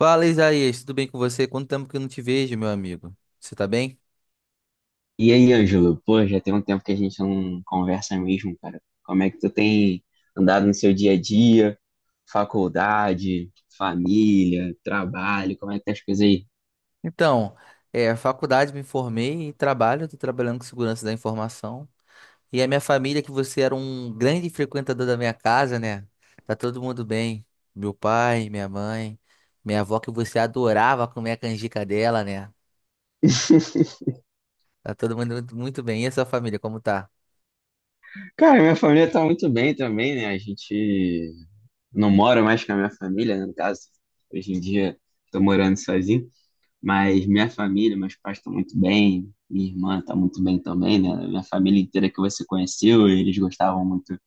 Fala, Isaías, tudo bem com você? Quanto tempo que eu não te vejo, meu amigo? Você tá bem? E aí, Ângelo, pô, já tem um tempo que a gente não conversa mesmo, cara. Como é que tu tem andado no seu dia a dia? Faculdade, família, trabalho, como é que tá as coisas aí? Então, faculdade, me formei e trabalho, estou trabalhando com segurança da informação. E a minha família, que você era um grande frequentador da minha casa, né? Tá todo mundo bem. Meu pai, minha mãe, minha avó, que você adorava comer a canjica dela, né? Tá todo mundo muito muito bem. E a sua família, como tá? Cara, minha família tá muito bem também, né? A gente não mora mais com a minha família, né? No caso, hoje em dia tô morando sozinho, mas minha família, meus pais estão muito bem, minha irmã tá muito bem também, né? Minha família inteira que você conheceu, eles gostavam muito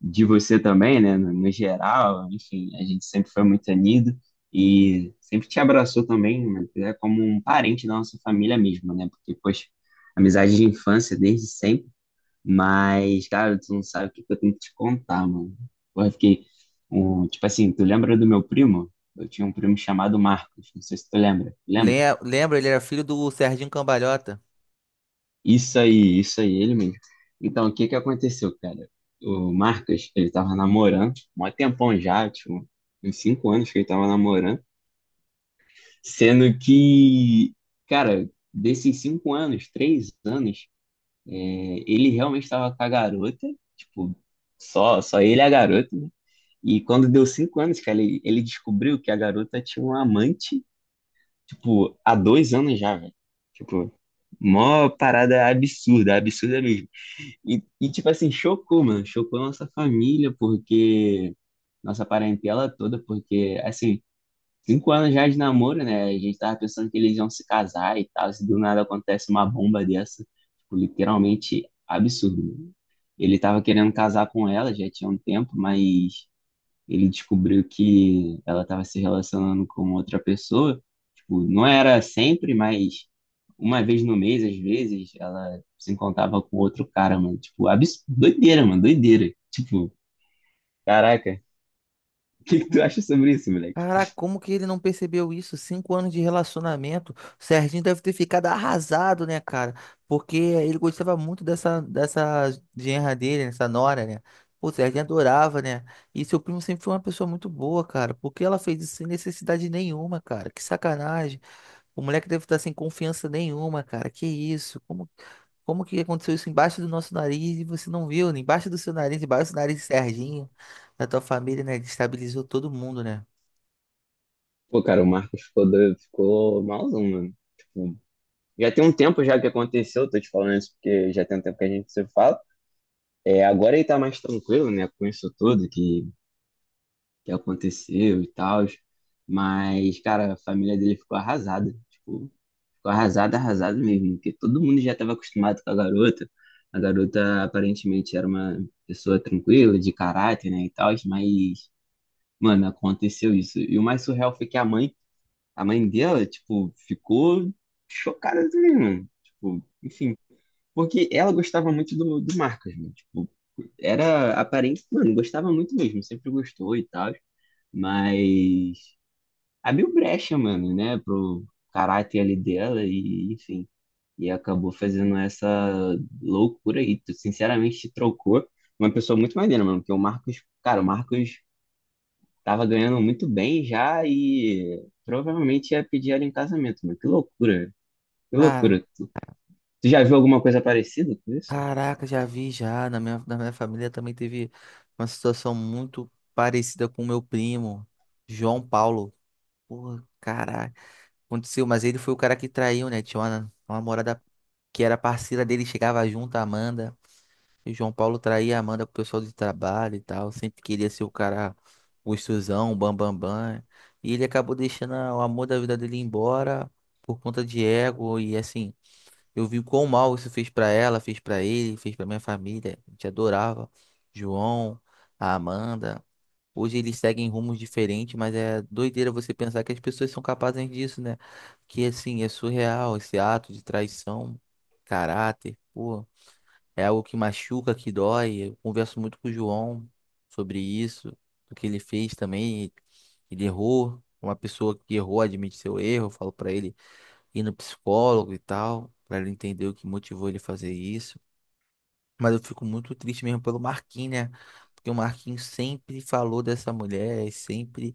de você também, né? No geral, enfim, a gente sempre foi muito unido e sempre te abraçou também, né, é como um parente da nossa família mesmo, né? Porque, poxa, amizade de infância desde sempre, mas, cara, tu não sabe o que que eu tenho que te contar, mano. Porra, eu fiquei, tipo assim, tu lembra do meu primo? Eu tinha um primo chamado Marcos, não sei se tu lembra. Lembra? Lembra, ele era filho do Serginho Cambalhota. Isso aí, ele mesmo. Então, o que que aconteceu, cara? O Marcos, ele tava namorando, mó tempão já, tipo, uns cinco anos que ele tava namorando, sendo que, cara, desses 5 anos, 3 anos, é, ele realmente tava com a garota, tipo, só ele e a garota, né? E quando deu 5 anos, cara, ele descobriu que a garota tinha um amante, tipo, há 2 anos já, velho. Tipo, mó parada absurda, absurda mesmo. Tipo assim, chocou, mano. Chocou a nossa família, porque nossa parentela toda, porque, assim, 5 anos já de namoro, né? A gente tava pensando que eles iam se casar e tal. Se do nada acontece uma bomba dessa, tipo, literalmente absurdo, mano. Ele tava querendo casar com ela, já tinha um tempo, mas ele descobriu que ela tava se relacionando com outra pessoa. Tipo, não era sempre, mas uma vez no mês, às vezes, ela se encontrava com outro cara, mano. Tipo, doideira, mano, doideira. Tipo, caraca, o E que que como- tu acha sobre isso, moleque? Caraca, como que ele não percebeu isso? Cinco anos de relacionamento. O Serginho deve ter ficado arrasado, né, cara? Porque ele gostava muito dessa genra dele, né, dessa nora, né? Pô, o Serginho adorava, né? E seu primo sempre foi uma pessoa muito boa, cara. Por que ela fez isso sem necessidade nenhuma, cara? Que sacanagem. O moleque deve estar sem confiança nenhuma, cara. Que isso? Como que aconteceu isso embaixo do nosso nariz e você não viu, né? Embaixo do seu nariz, embaixo do nariz do Serginho, da tua família, né? Destabilizou todo mundo, né? Pô, cara, o Marcos ficou doido, ficou malzão, mano. Tipo, já tem um tempo já que aconteceu, tô te falando isso porque já tem um tempo que a gente se fala. É, agora ele tá mais tranquilo, né, com isso tudo que aconteceu e tal. Mas, cara, a família dele ficou arrasada. Tipo, ficou arrasado, arrasado mesmo, porque todo mundo já estava acostumado com a garota. A garota aparentemente era uma pessoa tranquila, de caráter, né, e tal, mas, mano, aconteceu isso. E o mais surreal foi que a mãe dela, tipo, ficou chocada também, mano. Tipo, enfim, porque ela gostava muito do Marcos, né? Tipo, era aparente, mano, gostava muito mesmo, sempre gostou e tal, mas abriu brecha, mano, né, pro caráter ali dela e, enfim, e acabou fazendo essa loucura aí. Tu, sinceramente, te trocou uma pessoa muito maneira, mano, porque o Marcos, cara, o Marcos tava ganhando muito bem já e provavelmente ia pedir ela em casamento, mano. Que loucura, que Cara. loucura. Tu já viu alguma coisa parecida com isso? Caraca, já vi já. Na minha família também teve uma situação muito parecida com o meu primo, João Paulo. Porra, caraca. Aconteceu, mas ele foi o cara que traiu, né? Tinha uma namorada que era parceira dele, chegava junto, a Amanda. E o João Paulo traía a Amanda com o pessoal de trabalho e tal. Sempre queria ser o cara gostosão, o bam, bam, bam. E ele acabou deixando o amor da vida dele embora por conta de ego e assim. Eu vi o quão mal isso fez pra ela, fez pra ele, fez pra minha família. A gente adorava João, a Amanda. Hoje eles seguem rumos diferentes, mas é doideira você pensar que as pessoas são capazes disso, né? Que assim, é surreal esse ato de traição, caráter, pô. É algo que machuca, que dói. Eu converso muito com o João sobre isso, do que ele fez também. Ele errou. Uma pessoa que errou admite seu erro. Eu falo pra ele ir no psicólogo e tal, para ele entender o que motivou ele a fazer isso. Mas eu fico muito triste mesmo pelo Marquinhos, né? Porque o Marquinhos sempre falou dessa mulher, e sempre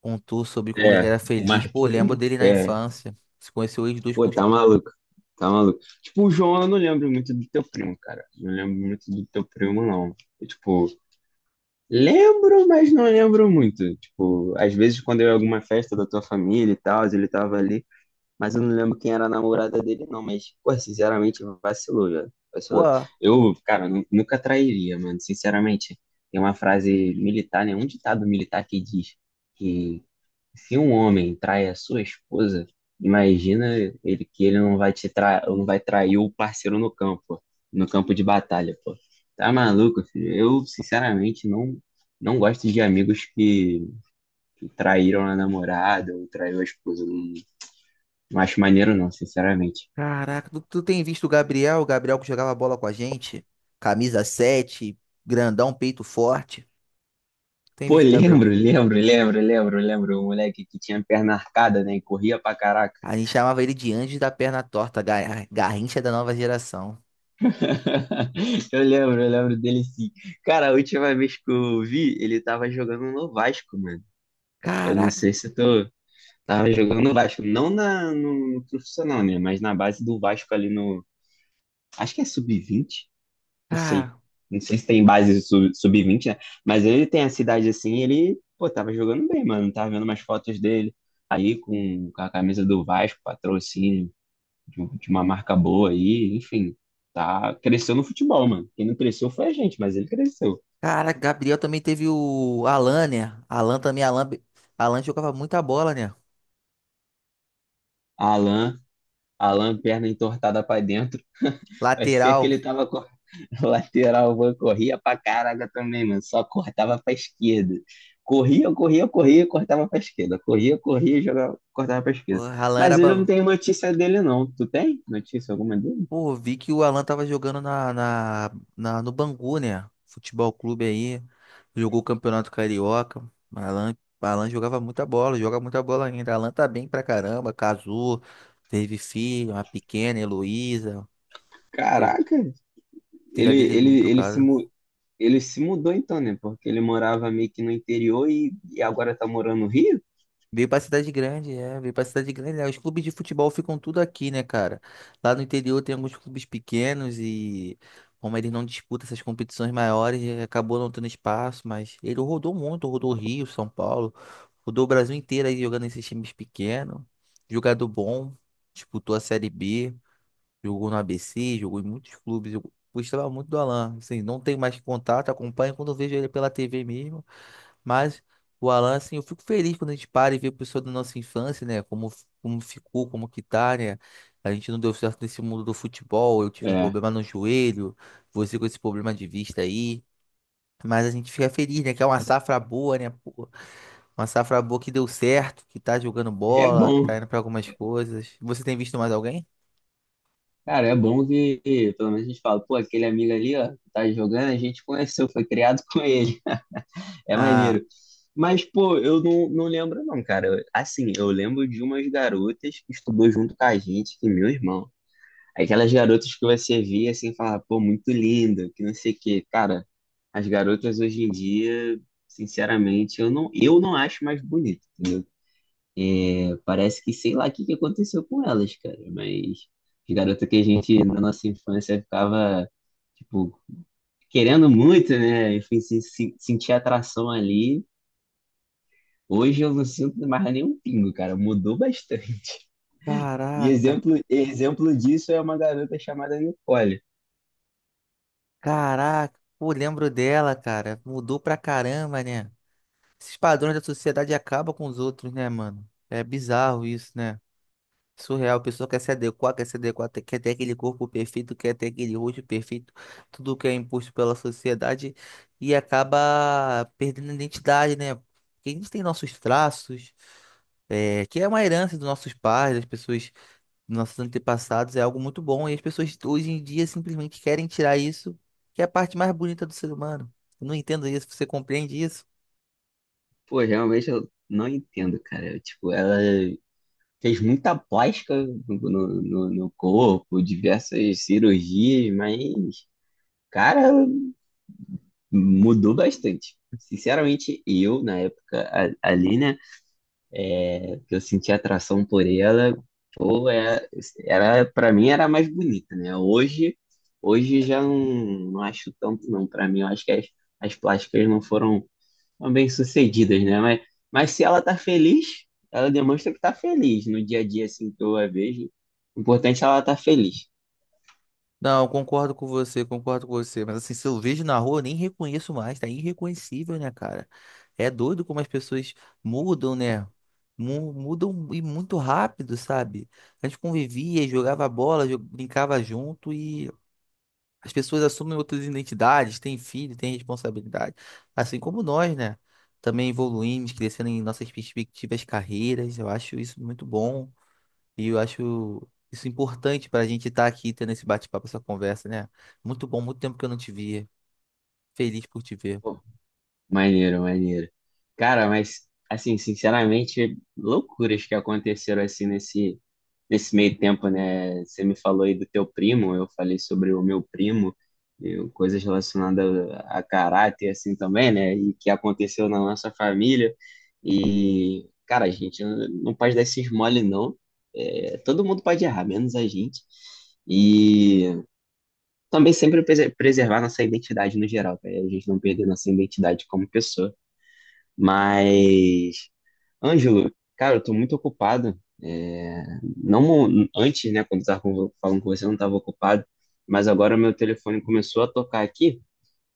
contou sobre como ele É, era o feliz. Pô, eu lembro Marquinhos, dele na é, infância. Se conheceu eles dois com pô, os. tá maluco. Tá maluco. Tipo, o João, eu não lembro muito do teu primo, cara. Não lembro muito do teu primo, não. Tipo, lembro, mas não lembro muito. Tipo, às vezes quando eu ia em alguma festa da tua família e tal, ele tava ali, mas eu não lembro quem era a namorada dele, não. Mas, pô, sinceramente, vacilou, já. Pô, Vacilou. Eu, cara, nunca trairia, mano. Sinceramente, tem uma frase militar, né? Um ditado militar que diz que se um homem trai a sua esposa, imagina ele que ele não vai te tra... não vai trair o parceiro no campo, no campo de batalha, pô. Tá maluco, filho? Eu, sinceramente, não gosto de amigos que traíram a namorada ou traiu a esposa. Não, não acho maneiro não, sinceramente. caraca, tu tem visto o Gabriel que jogava bola com a gente? Camisa 7 grandão, peito forte. Tem Pô, visto o Gabriel? lembro, lembro, lembro, lembro, lembro, o moleque que tinha perna arcada, né, e corria pra caraca. A gente chamava ele de Anjo da Perna Torta, Garrincha da nova geração. Eu lembro dele sim. Cara, a última vez que eu vi, ele tava jogando no Vasco, mano. Eu não Caraca. sei se eu tô. Tava jogando no Vasco, não na, no profissional, né? Mas na base do Vasco ali no. Acho que é sub-20, não sei. Não sei se tem base sub-20, né? Mas ele tem a cidade assim, ele, pô, tava jogando bem, mano. Tava vendo umas fotos dele aí com a camisa do Vasco, patrocínio de uma marca boa aí, enfim. Tá, cresceu no futebol, mano. Quem não cresceu foi a gente, mas ele cresceu. Cara, Gabriel também teve o Alan, né? Alan também, Alan, Alan jogava muita bola, né? Alan, Alan, perna entortada pra dentro. Parecia que Lateral. ele tava com lateral, mano, corria pra caraca também, mano. Só cortava pra esquerda. Corria, corria, corria, cortava pra esquerda. Corria, corria, jogava, cortava pra O esquerda. Alan era Mas ele não bom. tem notícia dele, não. Tu tem notícia alguma dele? Pô, vi que o Alan tava jogando no Bangu, né? Futebol clube aí. Jogou o Campeonato Carioca. Alan, Alan jogava muita bola, joga muita bola ainda. Alan tá bem pra caramba, casou, teve filho, uma pequena, Heloísa. Teve Caraca, filha ele, dele, ele, do ele se, caso. mu- ele se mudou então, né? Porque ele morava meio que no interior e agora tá morando no Rio? Veio pra cidade grande, é, veio pra cidade grande, né? Os clubes de futebol ficam tudo aqui, né, cara? Lá no interior tem alguns clubes pequenos e como ele não disputa essas competições maiores, acabou não tendo espaço, mas ele rodou muito, rodou Rio, São Paulo, rodou o Brasil inteiro aí jogando nesses times pequenos, jogador bom, disputou a Série B, jogou no ABC, jogou em muitos clubes. Eu gostava muito do Alan, assim, não tenho mais contato, acompanho quando eu vejo ele pela TV mesmo. Mas o Alan, assim, eu fico feliz quando a gente para e vê a pessoa da nossa infância, né? Como ficou, como que tá, né? A gente não deu certo nesse mundo do futebol, eu tive um É. problema no joelho, você com esse problema de vista aí. Mas a gente fica feliz, né? Que é uma safra boa, né, pô? Uma safra boa que deu certo, que tá jogando É bola, que bom. tá indo pra algumas coisas. Você tem visto mais alguém? Cara, é bom que pelo menos a gente fala, pô, aquele amigo ali, ó, que tá jogando, a gente conheceu, foi criado com ele. É Ah, maneiro. Mas, pô, eu não, não lembro não, cara. Assim, eu lembro de umas garotas que estudou junto com a gente, que meu irmão. Aquelas garotas que você via assim, falar, pô, muito linda, que não sei o quê. Cara, as garotas hoje em dia, sinceramente, eu não acho mais bonito, entendeu? É, parece que sei lá o que que aconteceu com elas, cara, mas as garotas que a gente, na nossa infância, ficava, tipo, querendo muito, né? Enfim, se, sentir atração ali. Hoje eu não sinto mais nenhum pingo, cara, mudou bastante. E caraca, exemplo disso é uma garota chamada Nicole. caraca. Pô, lembro dela, cara. Mudou pra caramba, né? Esses padrões da sociedade acabam com os outros, né, mano? É bizarro isso, né? Surreal, a pessoa quer se adequar, quer se adequar, quer ter aquele corpo perfeito, quer ter aquele rosto perfeito, tudo que é imposto pela sociedade e acaba perdendo a identidade, né? Porque a gente tem nossos traços, que é uma herança dos nossos pais, das pessoas, dos nossos antepassados, é algo muito bom e as pessoas hoje em dia simplesmente querem tirar isso, que é a parte mais bonita do ser humano. Eu não entendo isso, você compreende isso? Pô, realmente eu não entendo, cara. Eu, tipo, ela fez muita plástica no corpo, diversas cirurgias, mas, cara, mudou bastante. Sinceramente, eu, na época ali, né, é, que eu senti atração por ela, pô, é, era, pra mim era mais bonita, né? Hoje já não, não acho tanto, não. Pra mim, eu acho que as plásticas não foram são bem-sucedidas, né? Mas se ela tá feliz, ela demonstra que tá feliz no dia a dia, assim, que eu a vejo. O importante é ela tá feliz. Não, concordo com você, concordo com você. Mas assim, se eu vejo na rua, eu nem reconheço mais. Tá irreconhecível, né, cara? É doido como as pessoas mudam, né? Mudam e muito rápido, sabe? A gente convivia, jogava bola, brincava junto e as pessoas assumem outras identidades, têm filho, têm responsabilidade. Assim como nós, né? Também evoluímos, crescendo em nossas perspectivas, carreiras. Eu acho isso muito bom. E eu acho isso importante para a gente estar aqui tendo esse bate-papo, essa conversa, né? Muito bom, muito tempo que eu não te via. Feliz por te ver. Pô, maneiro, maneiro. Cara, mas, assim, sinceramente, loucuras que aconteceram, assim, nesse meio tempo, né, você me falou aí do teu primo, eu falei sobre o meu primo, coisas relacionadas a caráter, assim, também, né, e que aconteceu na nossa família, e, cara, a gente não pode dar esses mole, não. É, todo mundo pode errar, menos a gente, e também sempre preservar nossa identidade no geral, para a gente não perder nossa identidade como pessoa, mas Ângelo, cara, eu tô muito ocupado. É, não mo- antes, né, quando estava falando com você, eu não estava ocupado, mas agora meu telefone começou a tocar aqui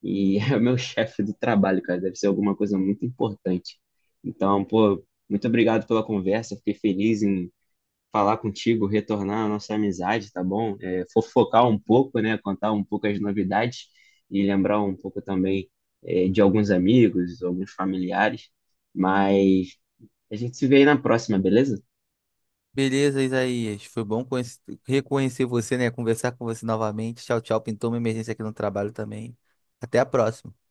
e é o meu chefe do trabalho, cara. Deve ser alguma coisa muito importante. Então, pô, muito obrigado pela conversa. Fiquei feliz em falar contigo, retornar a nossa amizade, tá bom? É, fofocar um pouco, né, contar um pouco as novidades e lembrar um pouco também, é, de alguns amigos, alguns familiares. Mas a gente se vê aí na próxima, beleza? Beleza, Isaías. Foi bom reconhecer você, né? Conversar com você novamente. Tchau, tchau. Pintou uma emergência aqui no trabalho também. Até a próxima.